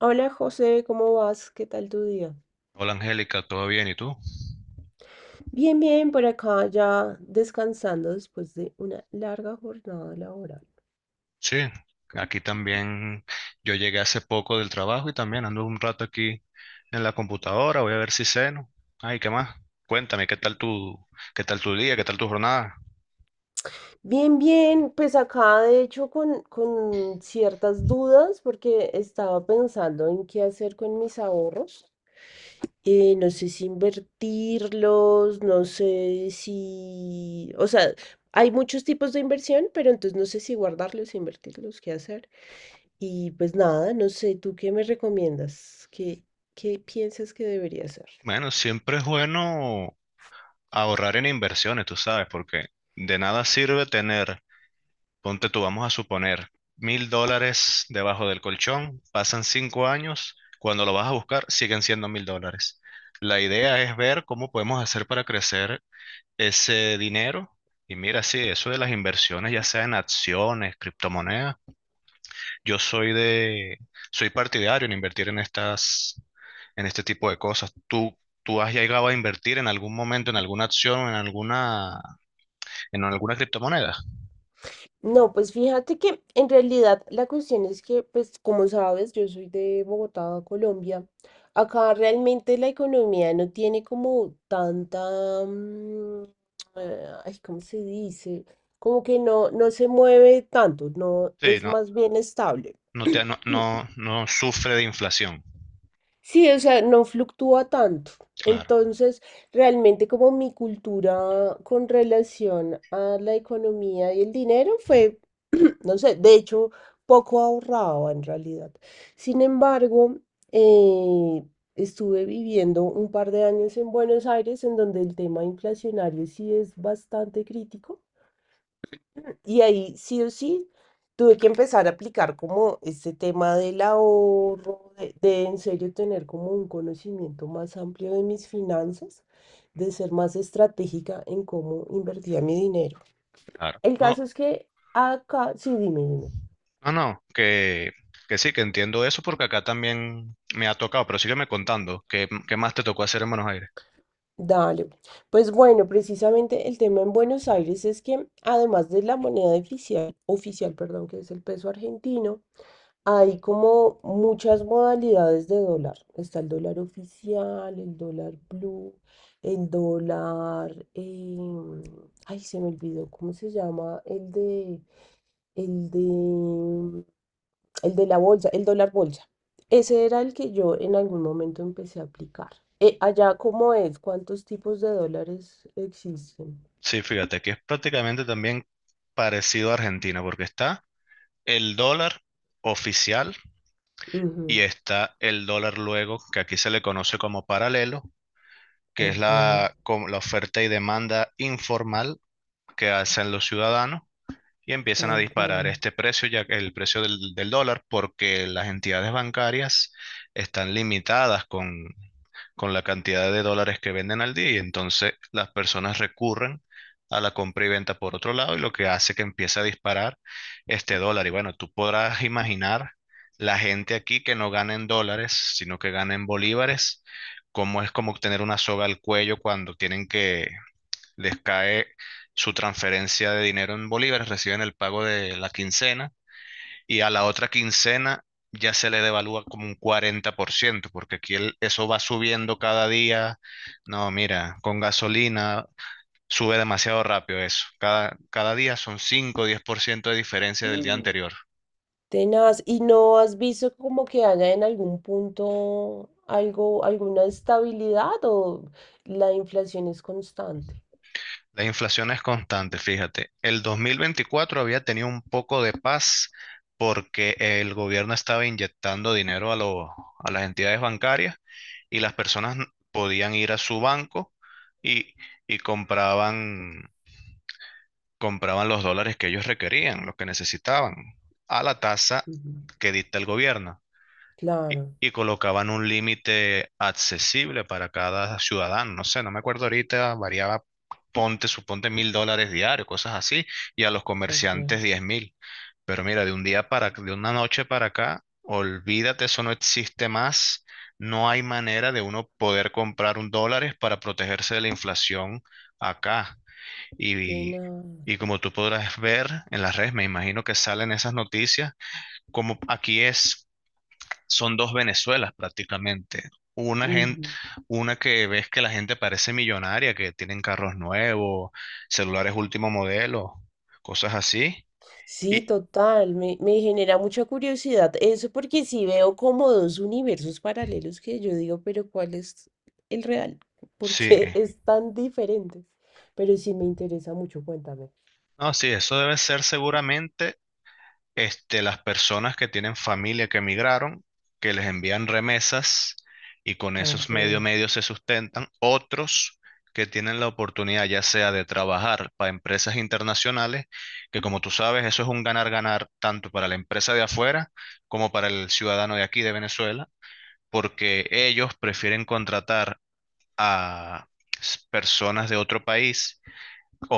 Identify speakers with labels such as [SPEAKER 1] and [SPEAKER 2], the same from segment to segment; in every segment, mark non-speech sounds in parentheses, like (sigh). [SPEAKER 1] Hola José, ¿cómo vas? ¿Qué tal tu día?
[SPEAKER 2] Hola Angélica, ¿todo bien? ¿Y tú?
[SPEAKER 1] Bien, bien, por acá ya descansando después de una larga jornada laboral.
[SPEAKER 2] Sí, aquí también, yo llegué hace poco del trabajo y también ando un rato aquí en la computadora, voy a ver si ceno. Ay, ¿qué más? Cuéntame, ¿Qué tal tu día, ¿qué tal tu jornada?
[SPEAKER 1] Bien, bien, pues acá de hecho con ciertas dudas porque estaba pensando en qué hacer con mis ahorros. No sé si invertirlos, no sé si... O sea, hay muchos tipos de inversión, pero entonces no sé si guardarlos, invertirlos, qué hacer. Y pues nada, no sé, ¿tú qué me recomiendas? ¿Qué piensas que debería hacer?
[SPEAKER 2] Bueno, siempre es bueno ahorrar en inversiones, tú sabes, porque de nada sirve tener, ponte tú, vamos a suponer, $1.000 debajo del colchón, pasan 5 años, cuando lo vas a buscar siguen siendo $1.000. La idea es ver cómo podemos hacer para crecer ese dinero. Y mira, sí, eso de las inversiones, ya sea en acciones, criptomonedas, yo soy de, soy partidario en invertir en en este tipo de cosas. ¿Tú has llegado a invertir en algún momento en alguna acción, en en alguna criptomoneda?
[SPEAKER 1] No, pues fíjate que en realidad la cuestión es que, pues como sabes, yo soy de Bogotá, Colombia. Acá realmente la economía no tiene como tanta, ay, ¿cómo se dice? Como que no se mueve tanto, no
[SPEAKER 2] Sí,
[SPEAKER 1] es
[SPEAKER 2] no,
[SPEAKER 1] más bien estable.
[SPEAKER 2] no sufre de inflación.
[SPEAKER 1] Sí, o sea, no fluctúa tanto.
[SPEAKER 2] Claro,
[SPEAKER 1] Entonces, realmente como mi cultura con relación a la economía y el dinero fue, (clears throat) no sé, de hecho, poco ahorraba en realidad. Sin embargo, eh, estuve viviendo un par de años en Buenos Aires, en donde el tema inflacionario sí es bastante crítico. Y ahí sí o sí tuve que empezar a aplicar como este tema del ahorro, de en serio tener como un conocimiento más amplio de mis finanzas, de ser más estratégica en cómo invertía mi dinero.
[SPEAKER 2] claro.
[SPEAKER 1] El caso
[SPEAKER 2] No,
[SPEAKER 1] es que acá, sí, dime, dime.
[SPEAKER 2] no, no, que sí, que entiendo eso porque acá también me ha tocado, pero sígueme contando, ¿Qué más te tocó hacer en Buenos Aires?
[SPEAKER 1] Dale. Pues bueno, precisamente el tema en Buenos Aires es que además de la moneda oficial, perdón, que es el peso argentino, hay como muchas modalidades de dólar. Está el dólar oficial, el dólar blue, el dólar... ay, se me olvidó, ¿cómo se llama? El de, el de la bolsa, el dólar bolsa. Ese era el que yo en algún momento empecé a aplicar. Allá, ¿cómo es? ¿Cuántos tipos de dólares existen?
[SPEAKER 2] Sí, fíjate que es prácticamente también parecido a Argentina, porque está el dólar oficial
[SPEAKER 1] Ujú.
[SPEAKER 2] y está el dólar luego, que aquí se le conoce como paralelo, que es
[SPEAKER 1] Ok,
[SPEAKER 2] como la oferta y demanda informal que hacen los ciudadanos y empiezan a
[SPEAKER 1] tal
[SPEAKER 2] disparar
[SPEAKER 1] cual.
[SPEAKER 2] este precio, ya que el precio del dólar, porque las entidades bancarias están limitadas con la cantidad de dólares que venden al día y entonces las personas recurren a la compra y venta por otro lado y lo que hace que empiece a disparar este dólar. Y bueno, tú podrás imaginar la gente aquí que no gana en dólares, sino que gana en bolívares, cómo es como tener una soga al cuello cuando tienen que les cae su transferencia de dinero en bolívares, reciben el pago de la quincena y a la otra quincena ya se le devalúa como un 40% porque aquí eso va subiendo cada día. No, mira, con gasolina sube demasiado rápido eso. Cada día son 5 o diez por ciento de diferencia del día
[SPEAKER 1] (gasps)
[SPEAKER 2] anterior.
[SPEAKER 1] Tenaz, ¿y no has visto como que haya en algún punto algo, alguna estabilidad o la inflación es constante?
[SPEAKER 2] La inflación es constante, fíjate. El 2024 había tenido un poco de paz porque el gobierno estaba inyectando dinero a a las entidades bancarias y las personas podían ir a su banco y, y compraban los dólares que ellos requerían, los que necesitaban, a la tasa
[SPEAKER 1] Ujú.
[SPEAKER 2] que dicta el gobierno.
[SPEAKER 1] Claro,
[SPEAKER 2] Y colocaban un límite accesible para cada ciudadano. No sé, no me acuerdo ahorita, variaba, ponte, suponte $1.000 diarios, cosas así, y a los
[SPEAKER 1] ok.
[SPEAKER 2] comerciantes 10.000. Pero mira, de una noche para acá, olvídate, eso no existe más. No hay manera de uno poder comprar un dólares para protegerse de la inflación acá. Y,
[SPEAKER 1] Tenaz.
[SPEAKER 2] y como tú podrás ver en las redes, me imagino que salen esas noticias, como aquí es son dos Venezuelas prácticamente. Una
[SPEAKER 1] Ujú.
[SPEAKER 2] una que ves que la gente parece millonaria, que tienen carros nuevos, celulares último modelo, cosas así.
[SPEAKER 1] Sí,
[SPEAKER 2] Y
[SPEAKER 1] total, me genera mucha curiosidad eso porque sí veo como dos universos paralelos que yo digo, pero ¿cuál es el real? (laughs)
[SPEAKER 2] sí,
[SPEAKER 1] Porque es tan diferente. Pero sí me interesa mucho, cuéntame.
[SPEAKER 2] no, sí, eso debe ser seguramente, las personas que tienen familia que emigraron, que les envían remesas y con esos
[SPEAKER 1] Ok,
[SPEAKER 2] medios se sustentan. Otros que tienen la oportunidad ya sea de trabajar para empresas internacionales, que como tú sabes, eso es un ganar-ganar tanto para la empresa de afuera como para el ciudadano de aquí de Venezuela, porque ellos prefieren contratar a personas de otro país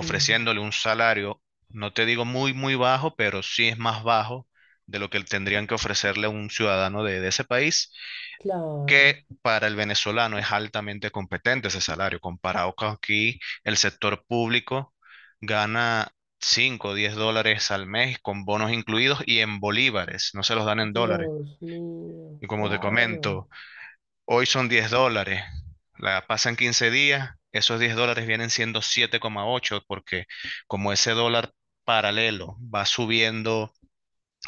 [SPEAKER 1] ujú,
[SPEAKER 2] un salario, no te digo muy, muy bajo, pero sí es más bajo de lo que tendrían que ofrecerle a un ciudadano de ese país,
[SPEAKER 1] claro.
[SPEAKER 2] que para el venezolano es altamente competente ese salario, comparado con aquí el sector público gana cinco o 10 dólares al mes con bonos incluidos y en bolívares, no se los dan en dólares.
[SPEAKER 1] Dios mío,
[SPEAKER 2] Y como te
[SPEAKER 1] claro.
[SPEAKER 2] comento, hoy son $10, la pasan 15 días, esos $10 vienen siendo 7,8, porque como ese dólar paralelo va subiendo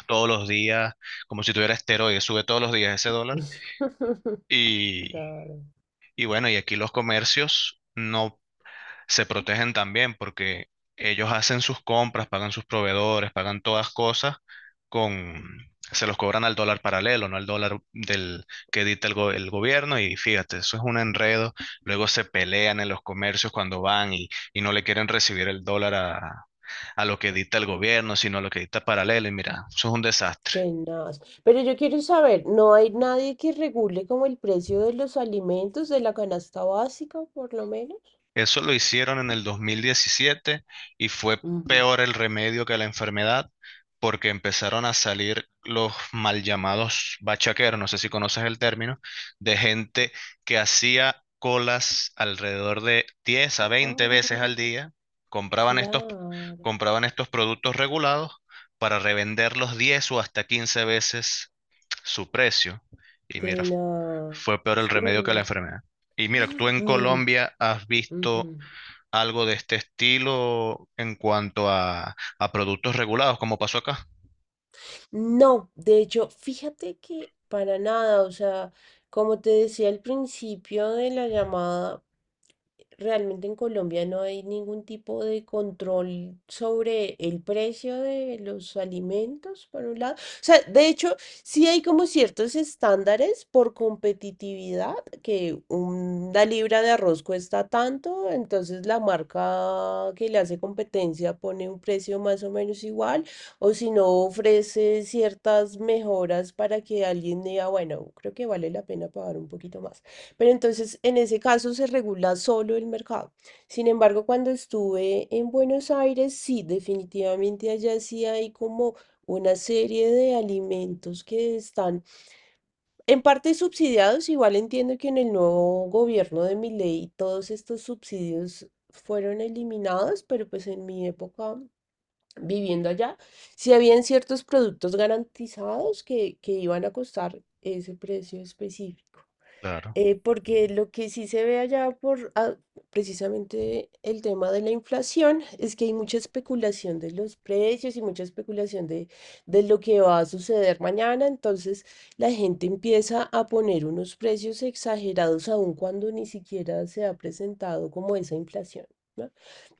[SPEAKER 2] todos los días, como si tuviera esteroides, sube todos los días ese dólar.
[SPEAKER 1] (laughs)
[SPEAKER 2] Y,
[SPEAKER 1] Claro,
[SPEAKER 2] y bueno, y aquí los comercios no se protegen también porque ellos hacen sus compras, pagan sus proveedores, pagan todas cosas con, se los cobran al dólar paralelo, no al dólar del que edita el gobierno y fíjate, eso es un enredo. Luego se pelean en los comercios cuando van y no le quieren recibir el dólar a lo que edita el gobierno, sino a lo que edita paralelo y mira, eso es un desastre.
[SPEAKER 1] tenaz. Pero yo quiero saber, ¿no hay nadie que regule como el precio de los alimentos de la canasta básica, por lo menos?
[SPEAKER 2] Eso lo hicieron en el 2017 y fue
[SPEAKER 1] Ujú.
[SPEAKER 2] peor el remedio que la enfermedad porque empezaron a salir los mal llamados bachaqueros, no sé si conoces el término, de gente que hacía colas alrededor de 10 a 20 veces al
[SPEAKER 1] Ah,
[SPEAKER 2] día, compraban estos,
[SPEAKER 1] claro,
[SPEAKER 2] compraban estos productos regulados para revenderlos 10 o hasta 15 veces su precio. Y mira, fue peor
[SPEAKER 1] tenaz.
[SPEAKER 2] el remedio que
[SPEAKER 1] Uh,
[SPEAKER 2] la enfermedad. Y mira, tú
[SPEAKER 1] (gasps)
[SPEAKER 2] en
[SPEAKER 1] mm,
[SPEAKER 2] Colombia has
[SPEAKER 1] ujú.
[SPEAKER 2] visto algo de este estilo en cuanto a productos regulados, como pasó acá.
[SPEAKER 1] No, de hecho, fíjate que para nada, o sea, como te decía al principio de la llamada, realmente en Colombia no hay ningún tipo de control sobre el precio de los alimentos, por un lado. O sea, de hecho, sí hay como ciertos estándares por competitividad, que una libra de arroz cuesta tanto, entonces la marca que le hace competencia pone un precio más o menos igual. O si no, ofrece ciertas mejoras para que alguien diga, bueno, creo que vale la pena pagar un poquito más. Pero entonces, en ese caso, se regula solo el mercado. Sin embargo, cuando estuve en Buenos Aires, sí, definitivamente allá sí hay como una serie de alimentos que están en parte subsidiados. Igual entiendo que en el nuevo gobierno de Milei todos estos subsidios fueron eliminados, pero pues en mi época viviendo allá, si habían ciertos productos garantizados que iban a costar ese precio específico.
[SPEAKER 2] Claro,
[SPEAKER 1] Porque lo que sí se ve allá por ah, precisamente el tema de la inflación es que hay mucha especulación de los precios y mucha especulación de lo que va a suceder mañana. Entonces la gente empieza a poner unos precios exagerados aun cuando ni siquiera se ha presentado como esa inflación, ¿no?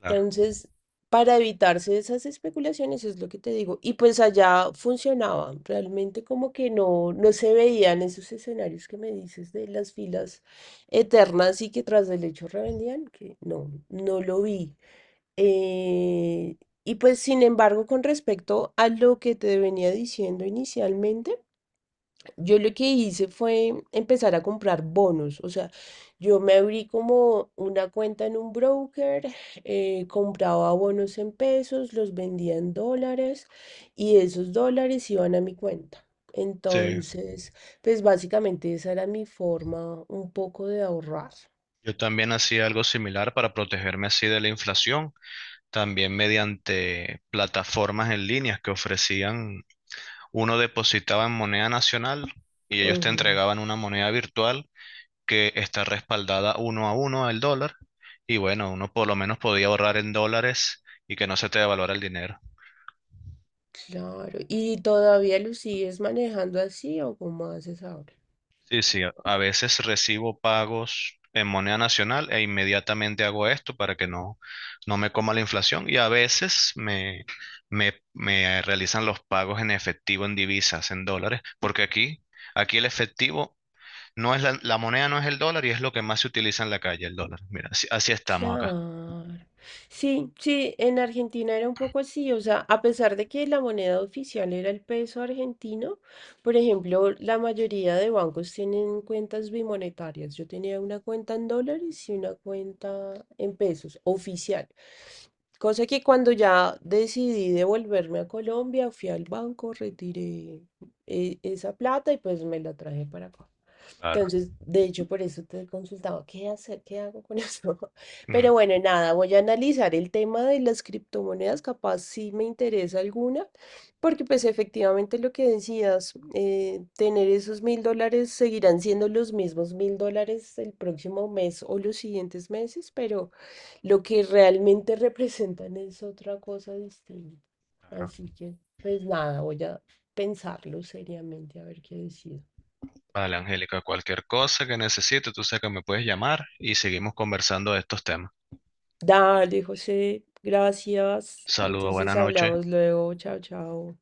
[SPEAKER 2] claro.
[SPEAKER 1] para evitarse esas especulaciones es lo que te digo. Y pues allá funcionaba, realmente como que no se veían esos escenarios que me dices de las filas eternas y que tras del hecho revendían, que no lo vi. Eh, y pues sin embargo, con respecto a lo que te venía diciendo inicialmente, yo lo que hice fue empezar a comprar bonos, o sea, yo me abrí como una cuenta en un broker, compraba bonos en pesos, los vendía en dólares y esos dólares iban a mi cuenta.
[SPEAKER 2] Sí,
[SPEAKER 1] Entonces, pues básicamente esa era mi forma un poco de ahorrar.
[SPEAKER 2] yo también hacía algo similar para protegerme así de la inflación, también mediante plataformas en línea que ofrecían, uno depositaba en moneda nacional y ellos te
[SPEAKER 1] Ujú,
[SPEAKER 2] entregaban una moneda virtual que está respaldada uno a uno al dólar y bueno, uno por lo menos podía ahorrar en dólares y que no se te devaluara el dinero.
[SPEAKER 1] claro. ¿Y todavía lo sigues manejando así o cómo haces ahora?
[SPEAKER 2] Sí, sí, a veces recibo pagos en moneda nacional e inmediatamente hago esto para que no me coma la inflación y a veces me realizan los pagos en efectivo, en divisas, en dólares, porque aquí el efectivo no es la moneda, no es el dólar y es lo que más se utiliza en la calle, el dólar. Mira, así, así estamos acá.
[SPEAKER 1] Claro. Sí, sí, en Argentina era un poco así, o sea, a pesar de que la moneda oficial era el peso argentino, por ejemplo, la mayoría de bancos tienen cuentas bimonetarias. Yo tenía una cuenta en dólares y una cuenta en pesos oficial. Cosa que cuando ya decidí devolverme a Colombia, fui al banco, retiré esa plata y pues me la traje para acá.
[SPEAKER 2] Claro.
[SPEAKER 1] Entonces, de hecho, por eso te consultaba, ¿qué hacer? ¿Qué hago con (laughs) eso? Pero
[SPEAKER 2] Mm.
[SPEAKER 1] bueno, nada, voy a analizar el tema de las criptomonedas, capaz si me interesa alguna, porque pues efectivamente lo que decías, tener esos $1000 seguirán siendo los mismos $1000 el próximo mes o los siguientes meses, pero lo que realmente representan es otra cosa distinta.
[SPEAKER 2] Claro.
[SPEAKER 1] Así que pues nada, voy a pensarlo seriamente a ver qué decido.
[SPEAKER 2] Vale, Angélica, cualquier cosa que necesite, tú sabes que me puedes llamar y seguimos conversando de estos temas.
[SPEAKER 1] Dale, José, gracias.
[SPEAKER 2] Saludos,
[SPEAKER 1] Entonces
[SPEAKER 2] buenas noches.
[SPEAKER 1] hablamos luego, chao, chao.